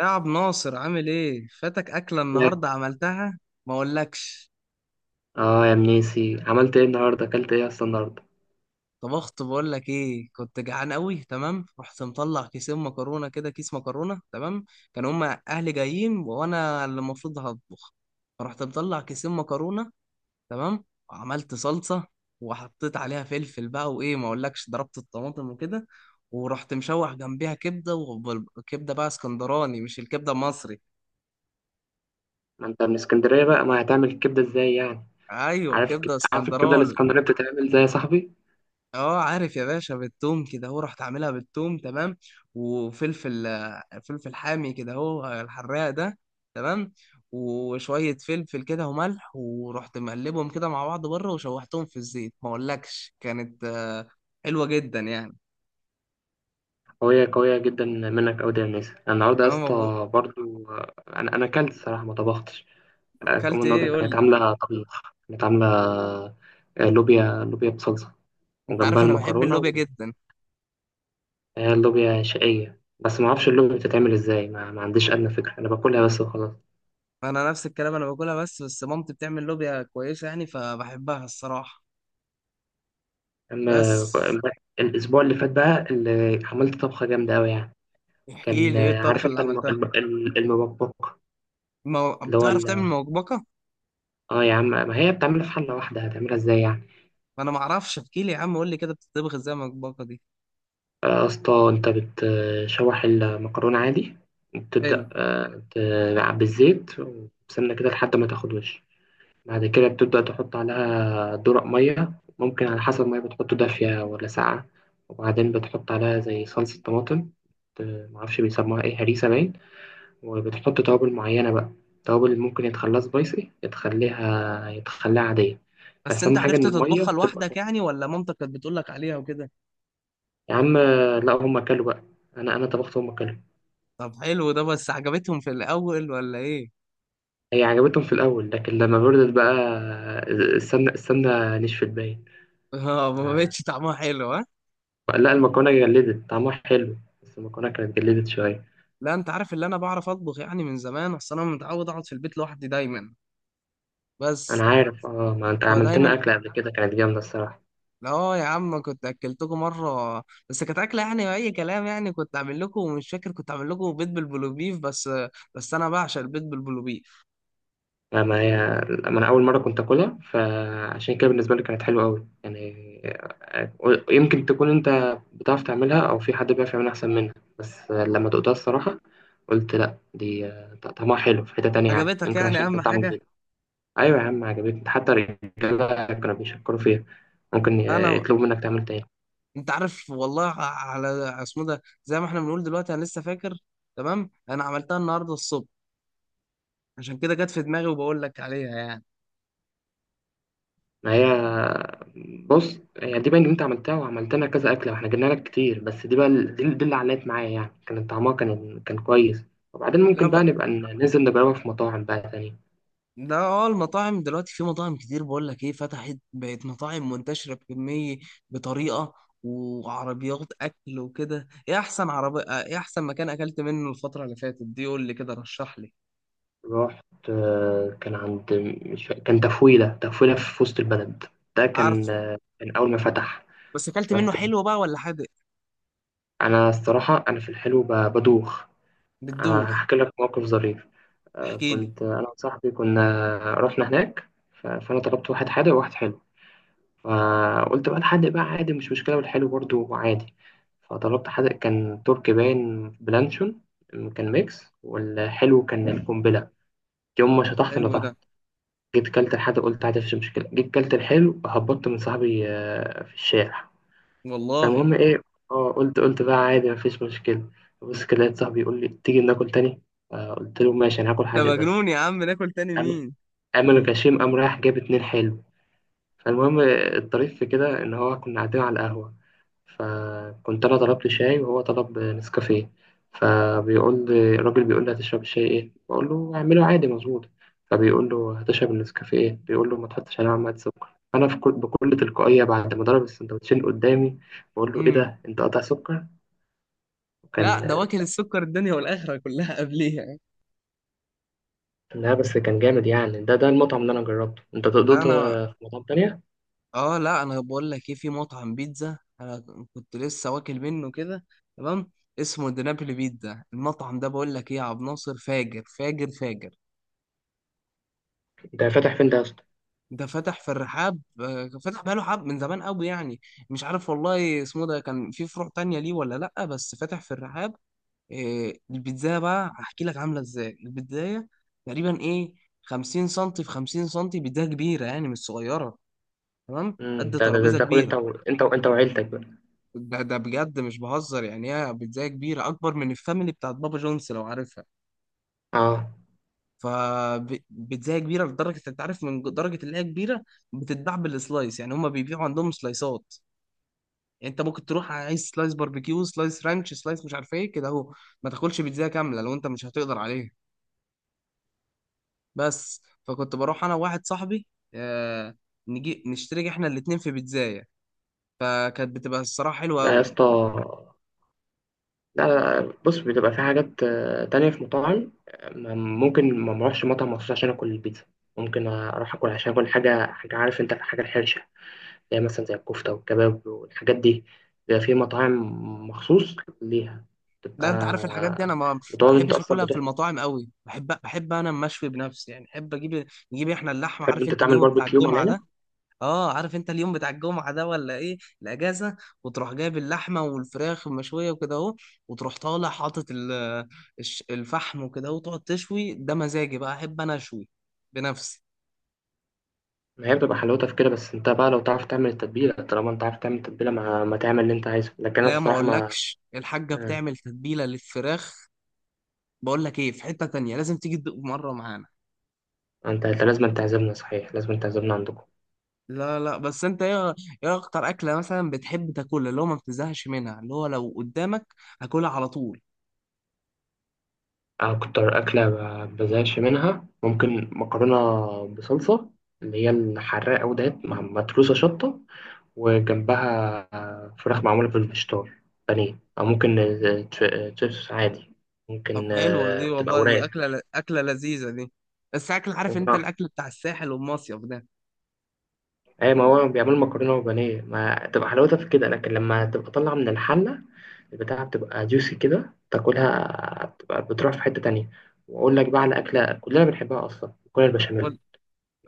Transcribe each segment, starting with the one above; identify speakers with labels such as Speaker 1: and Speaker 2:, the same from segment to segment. Speaker 1: يا عبد ناصر، عامل ايه؟ فاتك اكله
Speaker 2: يا-
Speaker 1: النهارده عملتها. ما اقولكش.
Speaker 2: اه يا منيسي، عملت ايه النهارده؟ اكلت ايه اصلا النهارده؟
Speaker 1: طبخت، بقول لك ايه، كنت جعان قوي. تمام، رحت مطلع كيسين مكرونه، كده كيس مكرونه. تمام، كان هما اهلي جايين وانا اللي المفروض هطبخ، فرحت مطلع كيسين مكرونه. تمام، وعملت صلصه، وحطيت عليها فلفل بقى، وايه ما اقولكش، ضربت الطماطم وكده. ورحت مشوح جنبيها كبده، وكبده بقى اسكندراني مش الكبده المصري.
Speaker 2: ما انت من اسكندريه بقى، ما هتعمل الكبده ازاي يعني؟
Speaker 1: ايوه كبده
Speaker 2: عارف الكبده
Speaker 1: اسكندراني.
Speaker 2: الاسكندريه بتتعمل زي، يا صاحبي؟
Speaker 1: اه عارف يا باشا، بالثوم كده، هو رحت عاملها بالثوم. تمام، وفلفل، فلفل حامي كده، هو الحراق ده. تمام، وشوية فلفل كده وملح، ورحت مقلبهم كده مع بعض بره، وشوحتهم في الزيت، ما اقولكش كانت حلوة جدا يعني.
Speaker 2: قويه قويه جدا منك قوي، يا منيسي. انا النهارده يا
Speaker 1: انا ما
Speaker 2: اسطى
Speaker 1: بق-
Speaker 2: برضو، انا اكلت الصراحه، ما طبختش. امي
Speaker 1: اكلت ايه
Speaker 2: النهارده
Speaker 1: قول
Speaker 2: كانت
Speaker 1: لي.
Speaker 2: عامله طبيخ. كانت عامله، لوبيا بصلصه.
Speaker 1: انت
Speaker 2: وجنبها
Speaker 1: عارف انا بحب
Speaker 2: المكرونه.
Speaker 1: اللوبيا جدا.
Speaker 2: وهي اللوبيا شقيه، بس ما اعرفش اللوبيا بتتعمل ازاي. ما عنديش ادنى فكره، انا باكلها بس وخلاص.
Speaker 1: انا نفس الكلام، انا باكلها بس، بس مامتي بتعمل لوبيا كويسة يعني، فبحبها الصراحة. بس
Speaker 2: أما الأسبوع اللي فات بقى، اللي عملت طبخة جامدة أوي يعني.
Speaker 1: احكي
Speaker 2: كان،
Speaker 1: لي، ايه الطبخة
Speaker 2: عارف
Speaker 1: اللي
Speaker 2: أنت
Speaker 1: عملتها؟
Speaker 2: المبكبك.
Speaker 1: ما
Speaker 2: اللي هو
Speaker 1: بتعرف تعمل
Speaker 2: ال-
Speaker 1: مبكبكة.
Speaker 2: يا عم، ما هي بتعملها في حلة واحدة، هتعملها إزاي يعني؟
Speaker 1: ما انا ما اعرفش، احكي لي يا عم، قول لي كده بتطبخ ازاي المطبخه دي.
Speaker 2: يا اسطى، أنت بتشوح المكرونة عادي.
Speaker 1: حلو.
Speaker 2: وبتبدأ بالزيت، وتستنى كده لحد ما تاخد وش. بعد كده بتبدأ تحط عليها درق مية، ممكن على حسب المية بتحطه دافية ولا ساقعة. وبعدين بتحط عليها زي صلصة طماطم. معرفش بيسموها إيه، هريسة باين. وبتحط توابل معينة بقى. توابل ممكن يتخليها سبايسي، يتخليها عادية.
Speaker 1: بس
Speaker 2: بس
Speaker 1: انت
Speaker 2: أهم حاجة
Speaker 1: عرفت
Speaker 2: إن
Speaker 1: تطبخها
Speaker 2: المية تبقى
Speaker 1: لوحدك
Speaker 2: فوق.
Speaker 1: يعني، ولا مامتك كانت بتقول لك عليها وكده؟
Speaker 2: يا عم. لا، هم أكلوا بقى. أنا طبخت، هم أكلوا.
Speaker 1: طب حلو ده، بس عجبتهم في الاول ولا ايه؟
Speaker 2: هي عجبتهم في الأول، لكن لما بردت بقى. السمنة نشفت باين.
Speaker 1: اه، ما بقتش طعمها حلو، ها.
Speaker 2: لا، المكرونة جلدت، طعمها حلو. بس المكرونة كانت جلدت شوية.
Speaker 1: لا انت عارف، اللي انا بعرف اطبخ يعني من زمان، اصل انا متعود اقعد في البيت لوحدي دايما. بس
Speaker 2: أنا عارف. ما أنت عملت
Speaker 1: فدايما.
Speaker 2: لنا أكلة قبل كده، كانت جامدة الصراحة.
Speaker 1: اه يا عم، كنت اكلتكم مره، بس كانت اكله يعني اي كلام، يعني كنت اعمل لكم، مش فاكر كنت اعمل لكم بيض بالبلوبيف بس. بس انا بعشق البيض بالبلوبيف.
Speaker 2: لا، ما هي. ما انا اول مره كنت اكلها، فعشان كده بالنسبه لي كانت حلوه قوي يعني. آه، يمكن تكون انت بتعرف تعملها او في حد بيعرف يعملها احسن منك، بس لما دقتها الصراحه. قلت لا، دي طعمها حلو في حته تانية يعني،
Speaker 1: عجبتك
Speaker 2: يمكن
Speaker 1: يعني،
Speaker 2: عشان
Speaker 1: اهم
Speaker 2: كان طعم
Speaker 1: حاجه.
Speaker 2: جديد. ايوه يا عم، عجبتني، حتى الرجاله كانوا بيشكروا فيها. ممكن
Speaker 1: انا،
Speaker 2: يطلبوا منك تعمل تاني.
Speaker 1: انت عارف والله على اسمه ده، زي ما احنا بنقول دلوقتي انا لسه فاكر. تمام، انا عملتها النهارده الصبح، عشان كده جت في دماغي وبقول لك عليها يعني.
Speaker 2: ما هي. بص، هي دي بقى اللي انت عملتها وعملت لنا كذا اكله، واحنا جبنا لك كتير، بس دي بقى دي اللي علقت معايا يعني، كان طعمها كان كويس. وبعدين
Speaker 1: لا
Speaker 2: ممكن
Speaker 1: ب...
Speaker 2: بقى نبقى ننزل نجربها في مطاعم بقى تاني.
Speaker 1: لا، اه المطاعم دلوقتي في مطاعم كتير، بقول لك ايه، فتحت بقت مطاعم منتشره بكميه، بطريقه. وعربيات اكل وكده، ايه احسن عربي، ايه احسن مكان اكلت منه الفتره اللي فاتت دي؟ قول لي كده، رشح لي.
Speaker 2: رحت. كان عند. مش فا- كان تفويله في وسط البلد. ده كان
Speaker 1: عارفه.
Speaker 2: آه، كان اول ما فتح.
Speaker 1: بس اكلت منه
Speaker 2: رحت.
Speaker 1: حلو بقى ولا حادق؟
Speaker 2: انا الصراحه، انا في الحلو بدوخ.
Speaker 1: بتدوخ.
Speaker 2: هحكي لك موقف ظريف.
Speaker 1: احكي لي.
Speaker 2: كنت انا وصاحبي كنا. رحنا هناك، فانا طلبت واحد حادق وواحد حلو. فقلت بقى الحادق بقى عادي مش مشكلة، والحلو برضو عادي. فطلبت حادق، كان تركي باين بلانشون. كان ميكس، والحلو كان القنبلة. يوم ما
Speaker 1: طب
Speaker 2: شطحت
Speaker 1: حلو
Speaker 2: نطحت.
Speaker 1: ده
Speaker 2: جيت كلت الحادق، قلت عادي مفيش مشكلة. جيت كلت الحلو، هبطت من صاحبي، في الشارع.
Speaker 1: والله.
Speaker 2: فالمهم ايه. اه قلت بقى عادي مفيش مشكلة. بص كده لقيت صاحبي يقول لي تيجي ناكل تاني؟ قلت له ماشي، انا هاكل
Speaker 1: انت
Speaker 2: حادق بس.
Speaker 1: مجنون يا عم، ناكل تاني
Speaker 2: قام.
Speaker 1: مين؟
Speaker 2: قام الغشيم قام رايح، جاب اتنين حلو. فالمهم الطريف في كده، ان هو كنا قاعدين على القهوة. فكنت أنا طلبت شاي، وهو طلب نسكافيه. فبيقول لي الراجل، بيقول لي هتشرب الشاي إيه؟ بقول له أعمله عادي مظبوط. فبيقول له هتشرب النسكافيه إيه؟ بيقول له ما تحطش عليه معلقة سكر. أنا في كل بكل تلقائية بعد ما ضرب السندوتشين قدامي، بقول له إيه
Speaker 1: امم
Speaker 2: ده، أنت قاطع سكر؟
Speaker 1: لا ده
Speaker 2: وكان.
Speaker 1: واكل السكر الدنيا والاخره كلها قبليها.
Speaker 2: لا بس كان جامد يعني، ده المطعم اللي أنا جربته، أنت
Speaker 1: لا
Speaker 2: دقته؟
Speaker 1: انا،
Speaker 2: في مطعم تانية؟
Speaker 1: اه لا انا بقول لك ايه، في مطعم بيتزا انا كنت لسه واكل منه كده. تمام، اسمه نابولي بيتزا، المطعم ده بقول لك ايه يا عبد ناصر، فاجر فاجر فاجر.
Speaker 2: أنت فاتح فين ده يا اسطى؟
Speaker 1: ده فتح في الرحاب، فتح بقاله حب من زمان قوي يعني. مش عارف والله اسمه ده كان في فروع تانية ليه ولا لأ، بس فتح في الرحاب. إيه البيتزا بقى، هحكي لك عامله ازاي البيتزاية. تقريبا ايه، 50 سنتي في 50 سنتي، بيتزا كبيره يعني مش صغيره. تمام،
Speaker 2: مم،
Speaker 1: قد
Speaker 2: ده ده ده
Speaker 1: ترابيزه
Speaker 2: ده كل أنت
Speaker 1: كبيره.
Speaker 2: و... أنت و... أنت وعيلتك بقى.
Speaker 1: ده بجد مش بهزر، يعني هي بيتزا كبيره، اكبر من الفاميلي بتاعت بابا جونز لو عارفها.
Speaker 2: أه.
Speaker 1: فبيتزا كبيره لدرجه، انت عارف من درجه اللي هي كبيره، بتتباع بالسلايس. يعني هما بيبيعوا عندهم سلايسات، يعني انت ممكن تروح عايز سلايس باربيكيو، سلايس رانش، سلايس مش عارف ايه كده اهو. ما تاكلش بيتزا كامله لو انت مش هتقدر عليها. بس. فكنت بروح انا وواحد صاحبي، آه نجي نشترك احنا الاتنين في بيتزاية. فكانت بتبقى الصراحة حلوة
Speaker 2: لا يا
Speaker 1: قوي.
Speaker 2: اسطى. لا لا لا، بص بتبقى في حاجات تانية، في مطاعم ممكن ما بروحش مطعم مخصوص عشان آكل البيتزا. ممكن أروح آكل، عشان آكل حاجة، حاجة عارف أنت الحاجة الحرشة. زي مثلا زي الكفتة والكباب والحاجات دي. بيبقى في مطاعم. مخصوص. ليها.
Speaker 1: لا انت عارف الحاجات دي انا
Speaker 2: بتبقى.
Speaker 1: ما
Speaker 2: بتقعد أنت
Speaker 1: بحبش
Speaker 2: أصلا
Speaker 1: اكلها في
Speaker 2: بتح-
Speaker 1: المطاعم قوي، بحب انا مشوي بنفسي، يعني احب اجيب، نجيب احنا اللحمة،
Speaker 2: بتحب
Speaker 1: عارف
Speaker 2: أنت
Speaker 1: انت
Speaker 2: تعمل
Speaker 1: اليوم بتاع
Speaker 2: باربيكيو مع
Speaker 1: الجمعة
Speaker 2: العيلة؟
Speaker 1: ده. اه عارف انت اليوم بتاع الجمعة ده، ولا ايه الاجازة، وتروح جايب اللحمة والفراخ المشوية وكده اهو، وتروح طالع حاطط الفحم وكده اهو، وتقعد تشوي. ده مزاجي بقى، احب انا اشوي بنفسي.
Speaker 2: ما هي بتبقى حلاوتها في كده، بس أنت بقى لو تعرف تعمل التتبيلة، طالما أنت عارف تعمل التتبيلة، ما تعمل اللي أنت عايزه، لكن أنا
Speaker 1: لا ما
Speaker 2: الصراحة ما.
Speaker 1: اقولكش، الحاجة
Speaker 2: آه،
Speaker 1: بتعمل تتبيلة للفراخ. بقول لك ايه، في حتة تانية لازم تيجي تدوق مرة معانا.
Speaker 2: أنت لازم تعزمنا صحيح، لازم تعزمنا عندكم.
Speaker 1: لا لا، بس انت ايه، ايه اكتر اكلة مثلا بتحب تاكلها، اللي هو ما بتزهقش منها، اللي هو لو قدامك هاكلها على طول؟
Speaker 2: أكتر أكلة بزهقش منها ممكن مكرونة. بصلصة. اللي هي الحراقة أوي ديت، مع متروسة شطة. وجنبها فراخ معمولة بالفيجيتار. بانيه، أو ممكن تشيبس عادي.
Speaker 1: طب
Speaker 2: ممكن
Speaker 1: حلوة دي
Speaker 2: تبقى
Speaker 1: والله، دي
Speaker 2: وراك.
Speaker 1: اكلة اكلة لذيذة دي. بس اكل، عارف
Speaker 2: ممكن
Speaker 1: انت
Speaker 2: أ-
Speaker 1: الاكل بتاع الساحل والمصيف ده.
Speaker 2: أي ما هو بيعملوا مكرونة وبانيه، ما تبقى حلاوتها في كده، لكن لما تبقى طالعة من الحلة. البتاعة بتبقى جوسي كده، تاكلها بتبقى بتروح في حتة تانية. وأقول لك بقى
Speaker 1: لا
Speaker 2: على أكلة كلنا بنحبها أصلا، مكرونة البشاميل.
Speaker 1: قول-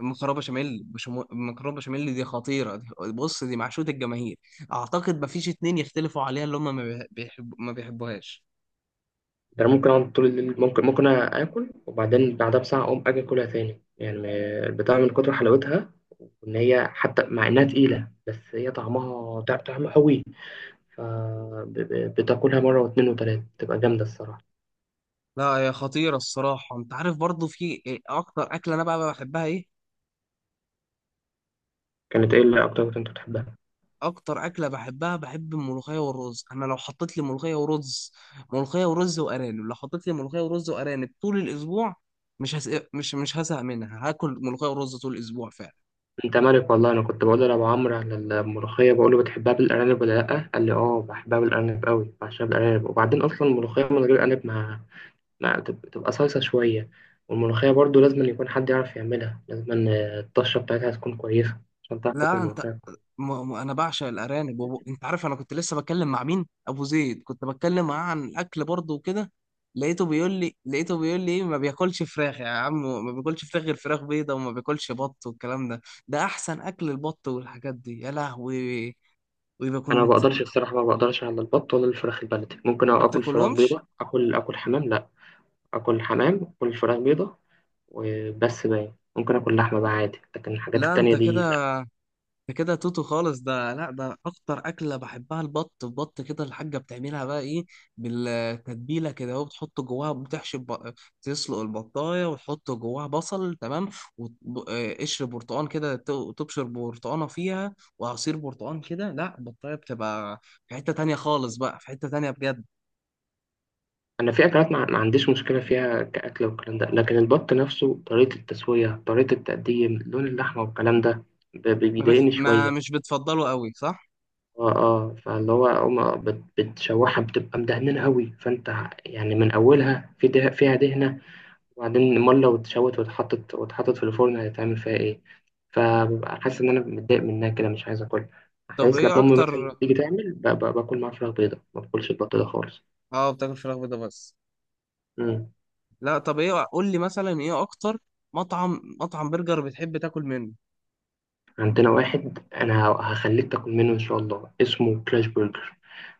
Speaker 1: المكرونه بشاميل، المكرونه بشاميل دي خطيره دي. بص دي معشوقة الجماهير، اعتقد ما فيش اتنين يختلفوا عليها، اللي هم ما بيحب... ما بيحبوهاش.
Speaker 2: ده انا ممكن اقعد طول الليل، ممكن اكل. وبعدين بعدها بساعه اقوم اجي اكلها تاني يعني، البتاع من كتر حلاوتها. ان هي، حتى مع انها تقيله، بس هي طعمها قوي. فبتاكلها مره واتنين وتلاته، تبقى جامده الصراحه.
Speaker 1: لا هي خطيرة الصراحة، انت عارف برضو في إيه اكتر اكلة انا بقى بحبها ايه؟
Speaker 2: كانت ايه اللي اكتر كنت انت بتحبها؟
Speaker 1: اكتر اكلة بحبها، بحب الملوخية والرز. انا لو حطيت لي ملوخية ورز، ملوخية ورز وارانب، لو حطيت لي ملوخية ورز وارانب طول الاسبوع، مش هس... مش مش هزهق منها، هاكل ملوخية ورز طول الاسبوع فعلا.
Speaker 2: انت مالك والله، انا كنت بقول لابو عمرو على الملوخيه، بقول له بتحبها بالارانب ولا لا؟ قال لي اه، بحبها بالارانب قوي، بعشقها بالارانب. وبعدين اصلا الملوخيه من غير ارانب، ما. مع تبقى صلصة شوية. والملوخية برضو لازم يكون حد يعرف يعملها، لازم الطشة بتاعتها تكون كويسة. عشان تعرف تاكل
Speaker 1: لا انت،
Speaker 2: ملوخية كويس.
Speaker 1: م- م- انا بعشق الارانب وب... انت عارف، انا كنت لسه بتكلم مع مين، ابو زيد كنت بتكلم معاه عن الاكل برضه وكده. لقيته بيقول لي، لقيته بيقول لي ايه، ما بياكلش فراخ يا عم، ما بياكلش فراخ غير فراخ بيضه، وما بياكلش بط والكلام ده. ده احسن اكل البط والحاجات دي، يا لهوي. ويبقى
Speaker 2: أنا
Speaker 1: يكون
Speaker 2: ما
Speaker 1: مت...
Speaker 2: بقدرش الصراحة، ما بقدرش على البط ولا الفراخ البلدي. ممكن
Speaker 1: ما
Speaker 2: آكل فراخ
Speaker 1: بتاكلهمش.
Speaker 2: بيضة، آكل حمام لأ. آكل حمام، آكل فراخ بيضة. وبس بقى، ممكن آكل لحمة بقى عادي، لكن الحاجات
Speaker 1: لا
Speaker 2: التانية
Speaker 1: انت كده،
Speaker 2: دي لأ.
Speaker 1: ده كده توتو خالص ده. لا ده اكتر اكله بحبها البط. البط كده، الحاجه بتعملها بقى ايه، بالتتبيله كده اهو، بتحط جواها بتحشي الب... تسلق البطايه وتحط جواها بصل. تمام، وقشر برتقان كده، تبشر برتقانه فيها، وعصير برتقان كده. لا البطايه بتبقى في حته تانية خالص بقى، في حته تانية بجد.
Speaker 2: أنا في أكلات ما عنديش مشكلة فيها كأكل والكلام ده، لكن البط نفسه، طريقة التسوية، طريقة التقديم، لون اللحمة والكلام ده،
Speaker 1: ما، بت...
Speaker 2: بيضايقني
Speaker 1: ما
Speaker 2: شوية.
Speaker 1: مش بتفضله قوي صح؟
Speaker 2: اه، اه، فاللي هو هم بتشوحها بتبقى مدهنينها قوي، فانت يعني من اولها في ده فيها دهنه. وبعدين امال لو اتشوت واتحطت في الفرن، هيتعمل فيها ايه؟ فببقى حاسس ان انا متضايق منها كده، مش عايز اكلها.
Speaker 1: طب
Speaker 2: احس لما
Speaker 1: ايه
Speaker 2: امي مثلا
Speaker 1: اكتر،
Speaker 2: تيجي تعمل، باكل معاها فراخ بيضه، ما باكلش البط ده خالص.
Speaker 1: اه بتاكل فراخ بيضه بس؟
Speaker 2: مم.
Speaker 1: لا طب ايه قول لي مثلا ايه اكتر، مطعم برجر بتحب تاكل منه؟
Speaker 2: عندنا واحد انا هخليك تاكل منه ان شاء الله، اسمه كلاش برجر.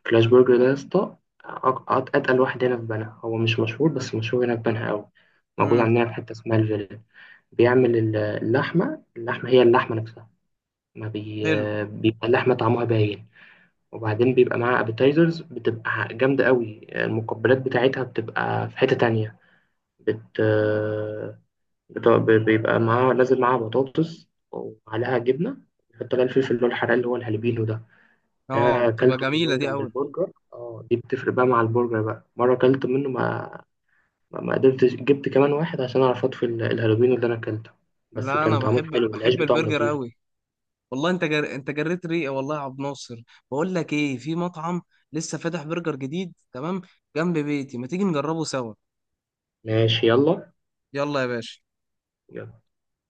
Speaker 2: كلاش برجر ده يا اسطى. اتقل واحد هنا في بنها، هو مش مشهور، بس مشهور هنا في بنها قوي. موجود
Speaker 1: امم
Speaker 2: عندنا في حته اسمها الفيلا. بيعمل اللحمه، هي اللحمه نفسها. ما بي...
Speaker 1: حلو.
Speaker 2: بيبقى اللحمه طعمها باين. وبعدين بيبقى معاها ابيتايزرز بتبقى جامده قوي، المقبلات بتاعتها بتبقى في حته تانية. بت بيبقى معاه نازل معاه بطاطس وعليها جبنة. بيحط لها الفلفل اللي هو الحراق اللي هو الهالبينو ده.
Speaker 1: اه
Speaker 2: ده
Speaker 1: بتبقى
Speaker 2: أكلته
Speaker 1: جميله
Speaker 2: منهم
Speaker 1: دي
Speaker 2: جنب
Speaker 1: قوي.
Speaker 2: البرجر، دي بتفرق بقى مع البرجر بقى، مرة أكلت منه ما. ما قدرتش، جبت كمان واحد عشان أعرف أطفي الهالبينو اللي أنا أكلته. بس
Speaker 1: لا
Speaker 2: كان
Speaker 1: انا
Speaker 2: طعمه
Speaker 1: بحب
Speaker 2: حلو، العيش
Speaker 1: بحب
Speaker 2: بتاعه
Speaker 1: البرجر
Speaker 2: نضيف.
Speaker 1: قوي. والله انت جر... انت جريت ريقي والله يا عبد ناصر. بقول لك ايه، في مطعم لسه فاتح برجر جديد، تمام، جنب بيتي، ما تيجي نجربه سوا.
Speaker 2: ماشي يلا.
Speaker 1: يلا يا باشا.
Speaker 2: يلا.